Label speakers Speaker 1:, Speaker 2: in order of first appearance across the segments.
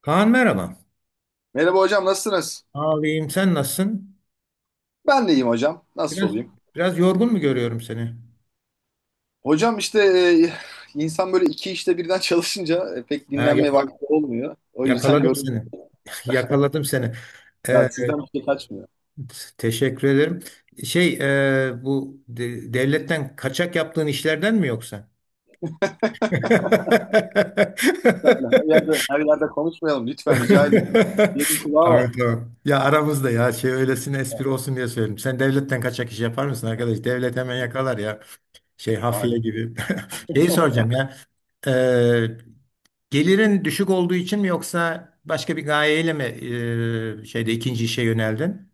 Speaker 1: Kaan merhaba.
Speaker 2: Merhaba hocam, nasılsınız?
Speaker 1: Ağlayayım sen nasılsın?
Speaker 2: Ben de iyiyim hocam. Nasıl
Speaker 1: Biraz
Speaker 2: olayım?
Speaker 1: biraz yorgun mu görüyorum seni?
Speaker 2: Hocam işte insan böyle iki işte birden çalışınca pek
Speaker 1: Ha,
Speaker 2: dinlenme vakti olmuyor. O yüzden
Speaker 1: yakaladım
Speaker 2: yorum
Speaker 1: seni. Yakaladım seni. Ee,
Speaker 2: yani sizden bir şey kaçmıyor.
Speaker 1: teşekkür ederim. Şey bu devletten kaçak yaptığın işlerden mi yoksa?
Speaker 2: Lütfen öyle her yerde her yerde konuşmayalım, lütfen rica ediyorum. Yerin kulağı var.
Speaker 1: Tamam tamam. Ya aramızda ya öylesine espri olsun diye söyledim. Sen devletten kaçak iş yapar mısın arkadaş? Devlet hemen yakalar ya. Hafiye
Speaker 2: Aynen.
Speaker 1: gibi. Şeyi soracağım ya. Ee, Gelirin düşük olduğu için mi yoksa başka bir gayeyle mi e, şeyde ikinci işe yöneldin?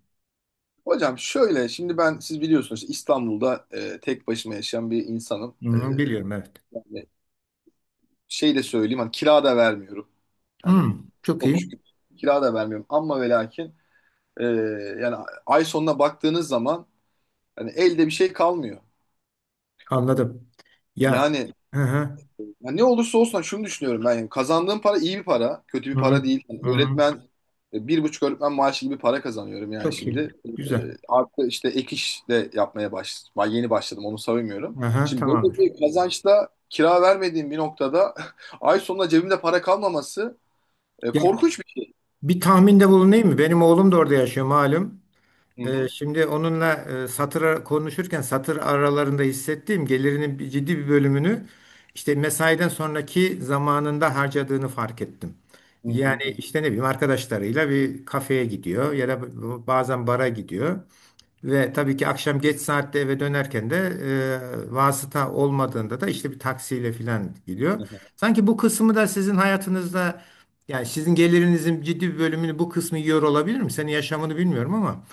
Speaker 2: Hocam şöyle, şimdi ben, siz biliyorsunuz işte İstanbul'da tek başıma yaşayan bir insanım.
Speaker 1: Hı, biliyorum evet.
Speaker 2: Yani şey de söyleyeyim, hani kira da vermiyorum.
Speaker 1: Hı,
Speaker 2: Hani
Speaker 1: çok
Speaker 2: çok
Speaker 1: iyi.
Speaker 2: şükür kira da vermiyorum ama ve lakin e, yani ay sonuna baktığınız zaman hani elde bir şey kalmıyor.
Speaker 1: Anladım. Ya,
Speaker 2: Yani,
Speaker 1: hı hı,
Speaker 2: ya ne olursa olsun, hani şunu düşünüyorum ben. Yani kazandığım para iyi bir para. Kötü bir
Speaker 1: hı,
Speaker 2: para değil. Yani
Speaker 1: hı,
Speaker 2: öğretmen, bir buçuk öğretmen maaşı gibi para kazanıyorum yani
Speaker 1: çok iyi.
Speaker 2: şimdi. E,
Speaker 1: Güzel.
Speaker 2: Artı işte ek iş de yapmaya başladım. Ben yeni başladım, onu savunmuyorum.
Speaker 1: Hı,
Speaker 2: Şimdi böyle
Speaker 1: tamamdır.
Speaker 2: bir kazançta, kira vermediğim bir noktada, ay sonunda cebimde para kalmaması
Speaker 1: Ya,
Speaker 2: korkunç bir şey.
Speaker 1: bir tahminde bulunayım mı? Benim oğlum da orada yaşıyor malum.
Speaker 2: Hı
Speaker 1: Ee,
Speaker 2: hı.
Speaker 1: şimdi onunla konuşurken satır aralarında hissettiğim gelirinin ciddi bir bölümünü işte mesaiden sonraki zamanında harcadığını fark ettim.
Speaker 2: Hı
Speaker 1: Yani
Speaker 2: hı
Speaker 1: işte ne bileyim arkadaşlarıyla bir kafeye gidiyor ya da bazen bara gidiyor. Ve tabii ki akşam geç saatte eve dönerken de vasıta olmadığında da işte bir taksiyle falan gidiyor.
Speaker 2: hı.
Speaker 1: Sanki bu kısmı da sizin hayatınızda yani sizin gelirinizin ciddi bir bölümünü bu kısmı yiyor olabilir mi? Senin yaşamını bilmiyorum ama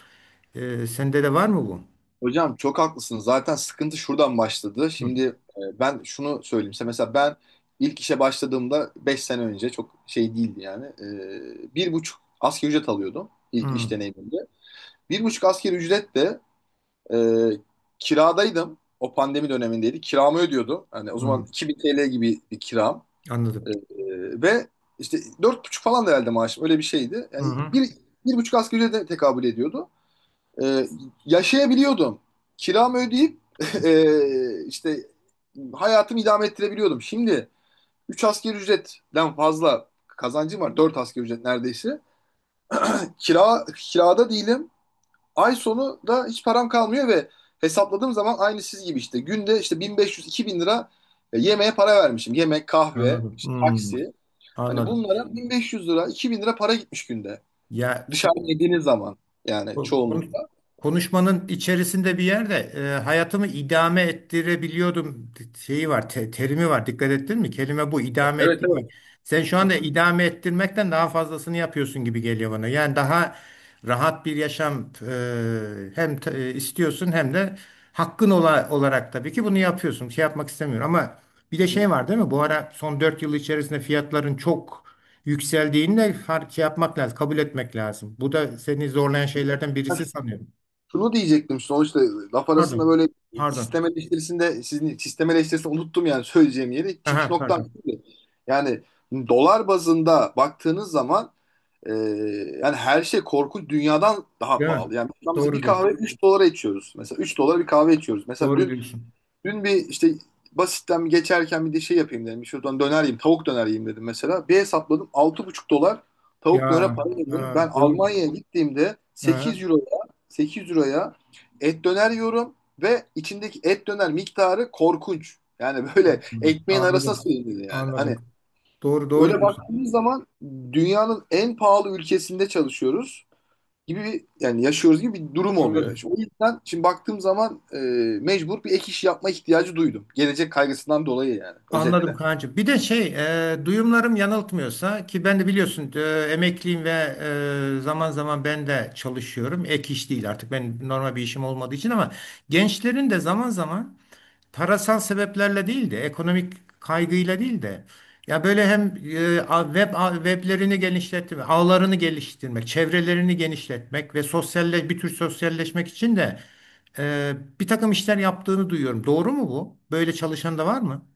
Speaker 1: sende de var mı bu?
Speaker 2: Hocam çok haklısınız. Zaten sıkıntı şuradan başladı.
Speaker 1: Hı.
Speaker 2: Şimdi ben şunu söyleyeyim size. Mesela ben ilk işe başladığımda, 5 sene önce, çok şey değildi yani. 1,5 asgari ücret alıyordum ilk iş
Speaker 1: Hı.
Speaker 2: deneyimimde. 1,5 asgari ücretle e, kiradaydım. O pandemi dönemindeydi. Kiramı ödüyordum. Hani o zaman
Speaker 1: Hı.
Speaker 2: 2000 TL gibi bir kiram. E, e,
Speaker 1: Anladım.
Speaker 2: Ve işte 4,5 falan da herhalde maaşım. Öyle bir şeydi.
Speaker 1: Hı
Speaker 2: Yani
Speaker 1: hı.
Speaker 2: bir, bir buçuk asgari ücrete tekabül ediyordu. Ee, Yaşayabiliyordum. Kiramı ödeyip işte hayatımı idame ettirebiliyordum. Şimdi 3 asgari ücretten fazla kazancım var, 4 asgari ücret neredeyse. Kirada değilim. Ay sonu da hiç param kalmıyor ve hesapladığım zaman, aynı siz gibi işte, günde işte 1500-2000 lira yemeğe para vermişim. Yemek, kahve,
Speaker 1: Anladım.
Speaker 2: işte
Speaker 1: Hı.
Speaker 2: taksi. Hani
Speaker 1: Anladım.
Speaker 2: bunlara 1500 lira, 2000 lira para gitmiş günde.
Speaker 1: Ya,
Speaker 2: Dışarıda
Speaker 1: şimdi
Speaker 2: yediğiniz zaman yani,
Speaker 1: Bu kon-
Speaker 2: çoğunlukla.
Speaker 1: Konuşmanın içerisinde bir yerde hayatımı idame ettirebiliyordum şeyi var, terimi var. Dikkat ettin mi? Kelime bu, idame
Speaker 2: Evet,
Speaker 1: ettirmek.
Speaker 2: evet.
Speaker 1: Sen şu anda idame ettirmekten daha fazlasını yapıyorsun gibi geliyor bana. Yani daha rahat bir yaşam hem istiyorsun hem de hakkın olarak tabii ki bunu yapıyorsun. Şey yapmak istemiyorum ama bir de
Speaker 2: Hı
Speaker 1: şey var değil mi? Bu ara son 4 yıl içerisinde fiyatların çok yükseldiğinde fark şey yapmak lazım, kabul etmek lazım. Bu da seni zorlayan şeylerden
Speaker 2: hı.
Speaker 1: birisi sanıyorum.
Speaker 2: Şunu diyecektim: Sonuçta laf arasında
Speaker 1: Pardon.
Speaker 2: böyle
Speaker 1: Pardon.
Speaker 2: sistem eleştirisinde, sizin sistem eleştirisini unuttum yani, söyleyeceğim yeri, çıkış
Speaker 1: Aha,
Speaker 2: noktam
Speaker 1: pardon.
Speaker 2: şuydu. Yani dolar bazında baktığınız zaman, e, yani her şey korkunç, dünyadan daha
Speaker 1: Değil mi?
Speaker 2: pahalı. Yani şu an mesela bir
Speaker 1: Doğru diyorsun.
Speaker 2: kahve 3 dolara içiyoruz. Mesela 3 dolara bir kahve içiyoruz. Mesela
Speaker 1: Doğru
Speaker 2: dün
Speaker 1: diyorsun.
Speaker 2: Dün bir işte basitten bir geçerken bir de şey yapayım dedim. Şuradan döner yiyeyim. Tavuk döner yiyeyim dedim mesela. Bir hesapladım, 6,5 dolar tavuk dönere
Speaker 1: Ya,
Speaker 2: para veriyorum.
Speaker 1: ha,
Speaker 2: Ben
Speaker 1: doğru.
Speaker 2: Almanya'ya gittiğimde sekiz
Speaker 1: Aha,
Speaker 2: euroya sekiz euroya et döner yiyorum ve içindeki et döner miktarı korkunç. Yani böyle
Speaker 1: doğru.
Speaker 2: ekmeğin arasına
Speaker 1: Anladım.
Speaker 2: sığmıyor yani. Hani
Speaker 1: Anladım. Doğru, doğru
Speaker 2: öyle
Speaker 1: diyorsun.
Speaker 2: baktığımız zaman dünyanın en pahalı ülkesinde çalışıyoruz gibi bir, yani yaşıyoruz gibi bir durum oluyor. İşte
Speaker 1: Anladım.
Speaker 2: o yüzden şimdi baktığım zaman mecbur bir ek iş yapma ihtiyacı duydum. Gelecek kaygısından dolayı yani,
Speaker 1: Anladım
Speaker 2: özetle.
Speaker 1: Kaan'cığım. Bir de duyumlarım yanıltmıyorsa ki ben de biliyorsun emekliyim ve zaman zaman ben de çalışıyorum. Ek iş değil artık ben normal bir işim olmadığı için ama gençlerin de zaman zaman parasal sebeplerle değil de ekonomik kaygıyla değil de ya böyle hem weblerini genişletmek, ağlarını geliştirmek, çevrelerini genişletmek ve sosyalle bir tür sosyalleşmek için de e, bir takım işler yaptığını duyuyorum. Doğru mu bu? Böyle çalışan da var mı?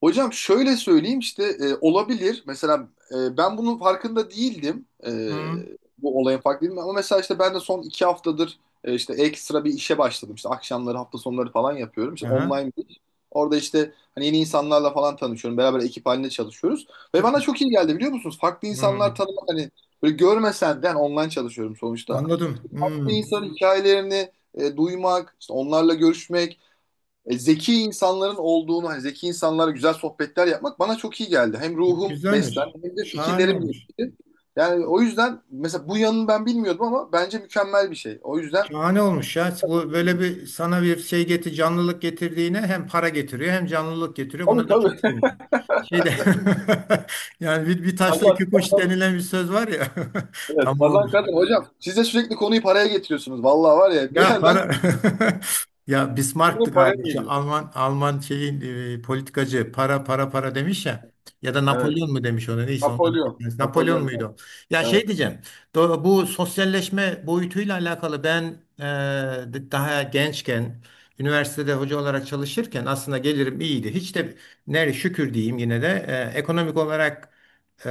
Speaker 2: Hocam şöyle söyleyeyim işte, olabilir. Mesela ben bunun farkında değildim.
Speaker 1: Hı.
Speaker 2: Bu olayın farkında değildim. Ama mesela işte ben de son 2 haftadır işte ekstra bir işe başladım. İşte akşamları, hafta sonları falan yapıyorum. İşte
Speaker 1: Aha.
Speaker 2: online bir iş. Orada işte hani yeni insanlarla falan tanışıyorum. Beraber ekip halinde çalışıyoruz. Ve
Speaker 1: Çok.
Speaker 2: bana çok iyi geldi, biliyor musunuz? Farklı insanlar
Speaker 1: Hmm.
Speaker 2: tanımak, hani böyle görmesen de, yani online çalışıyorum sonuçta.
Speaker 1: Anladım.
Speaker 2: Bir
Speaker 1: Hmm.
Speaker 2: insanın hikayelerini duymak, işte onlarla görüşmek, zeki insanların olduğunu, hani zeki insanlara güzel sohbetler yapmak bana çok iyi geldi. Hem ruhum
Speaker 1: Güzelmiş.
Speaker 2: beslendi hem de
Speaker 1: Şahane
Speaker 2: fikirlerim
Speaker 1: olmuş.
Speaker 2: gelişti. Yani o yüzden mesela bu yanını ben bilmiyordum ama bence mükemmel bir şey. O yüzden.
Speaker 1: Şahane olmuş ya. Bu böyle bir sana bir şey getir, canlılık getirdiğine hem para getiriyor hem canlılık getiriyor. Buna
Speaker 2: Tabii,
Speaker 1: da çok
Speaker 2: tabii.
Speaker 1: sevindim. Şeyde yani bir taşla iki
Speaker 2: Kazan,
Speaker 1: kuş denilen bir söz var ya.
Speaker 2: evet.
Speaker 1: Tam
Speaker 2: Kazan
Speaker 1: olmuş.
Speaker 2: kazan. Hocam siz de sürekli konuyu paraya getiriyorsunuz. Vallahi var ya, bir
Speaker 1: Ya,
Speaker 2: yerden
Speaker 1: para ya Bismarck'tı
Speaker 2: konu paraya
Speaker 1: galiba şu
Speaker 2: geliyor.
Speaker 1: Alman şeyin politikacı para para para demiş ya, ya da
Speaker 2: Evet.
Speaker 1: Napolyon mu demiş ona, neyse onlardan bir
Speaker 2: Napolyon.
Speaker 1: tanesi. Napolyon
Speaker 2: Napolyon,
Speaker 1: muydu
Speaker 2: abi.
Speaker 1: o? Ya,
Speaker 2: Evet.
Speaker 1: şey diyeceğim bu sosyalleşme boyutuyla alakalı ben e, daha gençken üniversitede hoca olarak çalışırken aslında gelirim iyiydi. Hiç de nere şükür diyeyim yine de ekonomik olarak ee,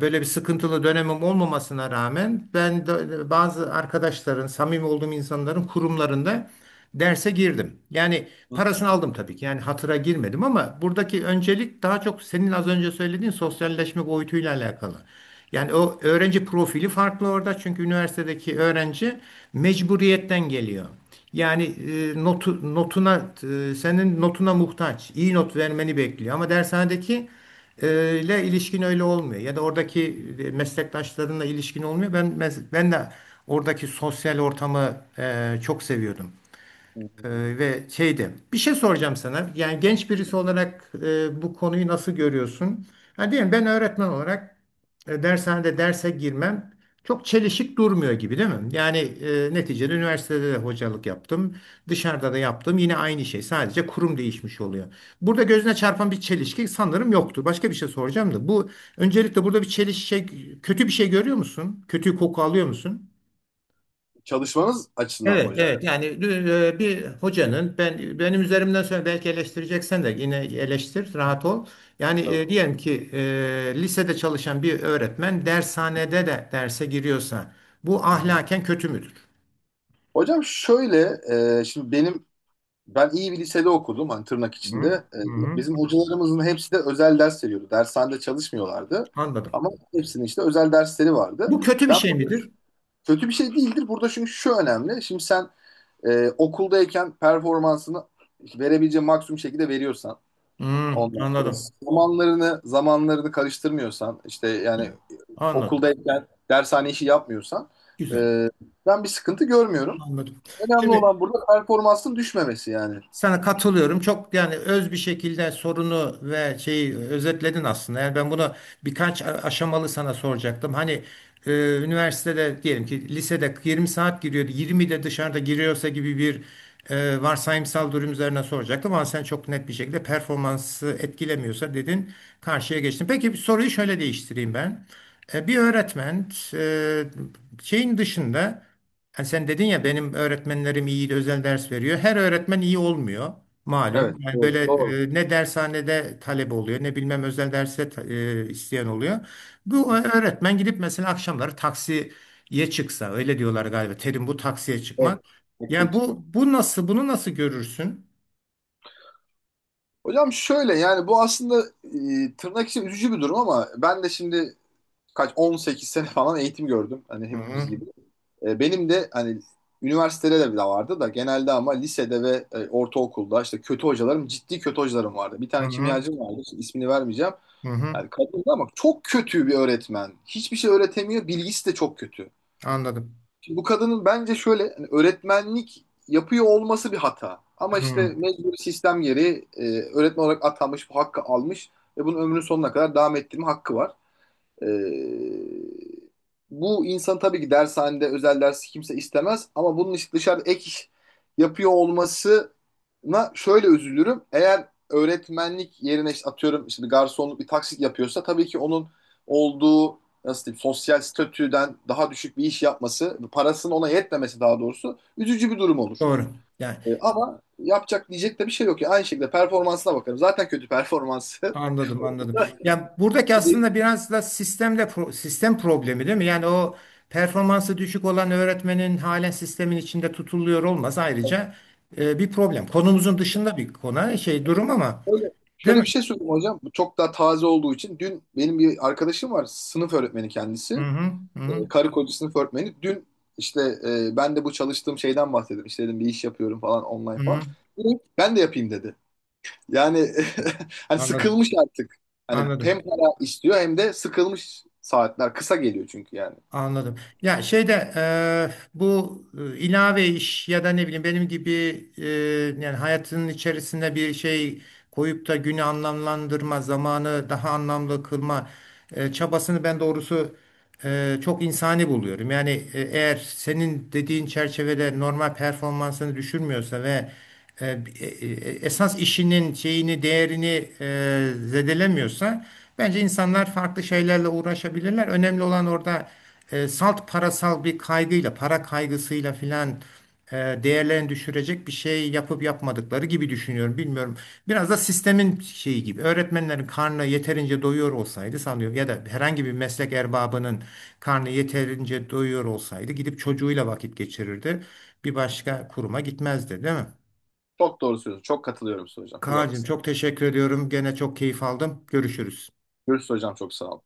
Speaker 1: böyle bir sıkıntılı dönemim olmamasına rağmen ben bazı arkadaşların, samimi olduğum insanların kurumlarında derse girdim. Yani parasını aldım tabii ki. Yani hatıra girmedim ama buradaki öncelik daha çok senin az önce söylediğin sosyalleşme boyutuyla alakalı. Yani o öğrenci profili farklı orada çünkü üniversitedeki öğrenci mecburiyetten geliyor. Yani senin notuna muhtaç, iyi not vermeni bekliyor ama dershanedeki ile ilişkin öyle olmuyor. Ya da oradaki meslektaşlarınla ilişkin olmuyor. Ben de oradaki sosyal ortamı çok seviyordum. Ee, ve bir şey soracağım sana. Yani genç birisi olarak bu konuyu nasıl görüyorsun? Ha, diyelim ben öğretmen olarak dershanede derse girmem çok çelişik durmuyor gibi değil mi? Yani neticede üniversitede de hocalık yaptım. Dışarıda da yaptım. Yine aynı şey. Sadece kurum değişmiş oluyor. Burada gözüne çarpan bir çelişki sanırım yoktur. Başka bir şey soracağım da. Bu öncelikle burada bir çelişki kötü bir şey görüyor musun? Kötü koku alıyor musun?
Speaker 2: Çalışmanız açısından mı
Speaker 1: Evet,
Speaker 2: hocam?
Speaker 1: evet. Yani bir hocanın benim üzerimden sonra belki eleştireceksen de yine eleştir, rahat ol. Yani
Speaker 2: Evet.
Speaker 1: diyelim ki lisede çalışan bir öğretmen dershanede de derse giriyorsa bu
Speaker 2: Hı hı.
Speaker 1: ahlaken kötü müdür?
Speaker 2: Hocam şöyle, şimdi ben iyi bir lisede okudum hani, tırnak
Speaker 1: Hı,
Speaker 2: içinde. Ee,
Speaker 1: hı,
Speaker 2: Bizim hocalarımızın hepsi de özel ders veriyordu. Dershanede çalışmıyorlardı.
Speaker 1: anladım.
Speaker 2: Ama hepsinin işte özel dersleri vardı.
Speaker 1: Bu kötü bir
Speaker 2: Ben
Speaker 1: şey
Speaker 2: burada
Speaker 1: midir?
Speaker 2: kötü bir şey değildir. Burada çünkü şu önemli: Şimdi sen okuldayken performansını verebileceğin maksimum şekilde veriyorsan,
Speaker 1: Hı,
Speaker 2: ondan sonra
Speaker 1: anladım.
Speaker 2: zamanlarını karıştırmıyorsan işte, yani
Speaker 1: Anladım.
Speaker 2: okuldayken dershane işi yapmıyorsan,
Speaker 1: Güzel.
Speaker 2: e, ben bir sıkıntı görmüyorum.
Speaker 1: Anladım.
Speaker 2: Önemli
Speaker 1: Şimdi
Speaker 2: olan burada performansın düşmemesi yani.
Speaker 1: sana katılıyorum. Çok yani öz bir şekilde sorunu ve şeyi özetledin aslında. Yani ben bunu birkaç aşamalı sana soracaktım. Hani e, üniversitede diyelim ki lisede 20 saat giriyordu. 20 de dışarıda giriyorsa gibi bir varsayımsal durum üzerine soracaktım. Ama sen çok net bir şekilde performansı etkilemiyorsa dedin, karşıya geçtin. Peki bir soruyu şöyle değiştireyim ben. Bir öğretmen e, şeyin dışında. Ha, sen dedin ya benim öğretmenlerim iyi özel ders veriyor. Her öğretmen iyi olmuyor malum.
Speaker 2: Evet,
Speaker 1: Yani
Speaker 2: doğru.
Speaker 1: böyle
Speaker 2: Doğru.
Speaker 1: ne dershanede talep oluyor ne bilmem özel derse isteyen oluyor. Bu öğretmen gidip mesela akşamları taksiye çıksa, öyle diyorlar galiba. Terim bu, taksiye çıkmak.
Speaker 2: Evet. Eksiğe
Speaker 1: Yani
Speaker 2: çıkmadı.
Speaker 1: bu bu nasıl bunu nasıl görürsün?
Speaker 2: Hocam şöyle, yani bu aslında tırnak için üzücü bir durum, ama ben de şimdi kaç, 18 sene falan eğitim gördüm. Hani
Speaker 1: Hı
Speaker 2: hepimiz
Speaker 1: hı,
Speaker 2: gibi. Benim de hani üniversitede de bir vardı da, genelde ama lisede ve ortaokulda işte kötü hocalarım, ciddi kötü hocalarım vardı. Bir
Speaker 1: hı
Speaker 2: tane
Speaker 1: hı,
Speaker 2: kimyacım vardı işte, ismini vermeyeceğim.
Speaker 1: hı hı.
Speaker 2: Yani kadındı ama çok kötü bir öğretmen. Hiçbir şey öğretemiyor. Bilgisi de çok kötü.
Speaker 1: Anladım.
Speaker 2: Şimdi bu kadının bence şöyle, hani öğretmenlik yapıyor olması bir hata. Ama işte
Speaker 1: Hı,
Speaker 2: mecbur sistem gereği öğretmen olarak atanmış, bu hakkı almış ve bunun ömrünün sonuna kadar devam ettirme hakkı var. Ee, Bu insan tabii ki dershanede, özel dersi kimse istemez ama bunun işte dışarıda ek iş yapıyor olmasına şöyle üzülürüm. Eğer öğretmenlik yerine işte, atıyorum işte, bir garsonluk, bir taksit yapıyorsa, tabii ki onun olduğu, nasıl diyeyim, sosyal statüden daha düşük bir iş yapması, parasının ona yetmemesi daha doğrusu, üzücü bir durum olur.
Speaker 1: doğru. Yani
Speaker 2: Ama yapacak, diyecek de bir şey yok ya. Aynı şekilde performansına bakarım. Zaten kötü performansı.
Speaker 1: anladım, anladım. Yani buradaki aslında biraz da sistemle sistem problemi değil mi? Yani o performansı düşük olan öğretmenin halen sistemin içinde tutuluyor olması ayrıca bir problem. Konumuzun dışında bir konu, şey
Speaker 2: Öyle.
Speaker 1: durum ama
Speaker 2: Şöyle
Speaker 1: değil
Speaker 2: şöyle
Speaker 1: mi?
Speaker 2: bir şey söyleyeyim hocam. Bu çok daha taze olduğu için, dün benim bir arkadaşım var. Sınıf öğretmeni
Speaker 1: Hı
Speaker 2: kendisi.
Speaker 1: hı, hı hı,
Speaker 2: Karı koca sınıf öğretmeni. Dün işte ben de bu çalıştığım şeyden bahsettim. İşte dedim, bir iş yapıyorum falan, online
Speaker 1: hı
Speaker 2: falan.
Speaker 1: hı.
Speaker 2: Direkt ben de yapayım dedi. Yani, hani
Speaker 1: Anladım,
Speaker 2: sıkılmış artık. Hani hem
Speaker 1: anladım.
Speaker 2: para istiyor hem de sıkılmış, saatler kısa geliyor çünkü yani.
Speaker 1: Anladım. Ya şeyde bu e, ilave iş ya da ne bileyim benim gibi e, yani hayatının içerisinde bir şey koyup da günü anlamlandırma, zamanı daha anlamlı kılma çabasını ben doğrusu çok insani buluyorum. Yani eğer senin dediğin çerçevede normal performansını düşürmüyorsa ve e, esas işinin değerini zedelemiyorsa bence insanlar farklı şeylerle uğraşabilirler. Önemli olan orada salt parasal bir kaygıyla, para kaygısıyla filan değerlerini düşürecek bir şey yapıp yapmadıkları gibi düşünüyorum. Bilmiyorum. Biraz da sistemin şeyi gibi. Öğretmenlerin karnı yeterince doyuyor olsaydı sanıyorum ya da herhangi bir meslek erbabının karnı yeterince doyuyor olsaydı gidip çocuğuyla vakit geçirirdi. Bir başka kuruma gitmezdi, değil mi?
Speaker 2: Çok doğru söylüyorsun. Çok katılıyorum Su hocam. Çok
Speaker 1: Kaan'cığım
Speaker 2: haklısın.
Speaker 1: çok teşekkür ediyorum. Gene çok keyif aldım. Görüşürüz.
Speaker 2: Görüşürüz hocam. Çok sağ ol.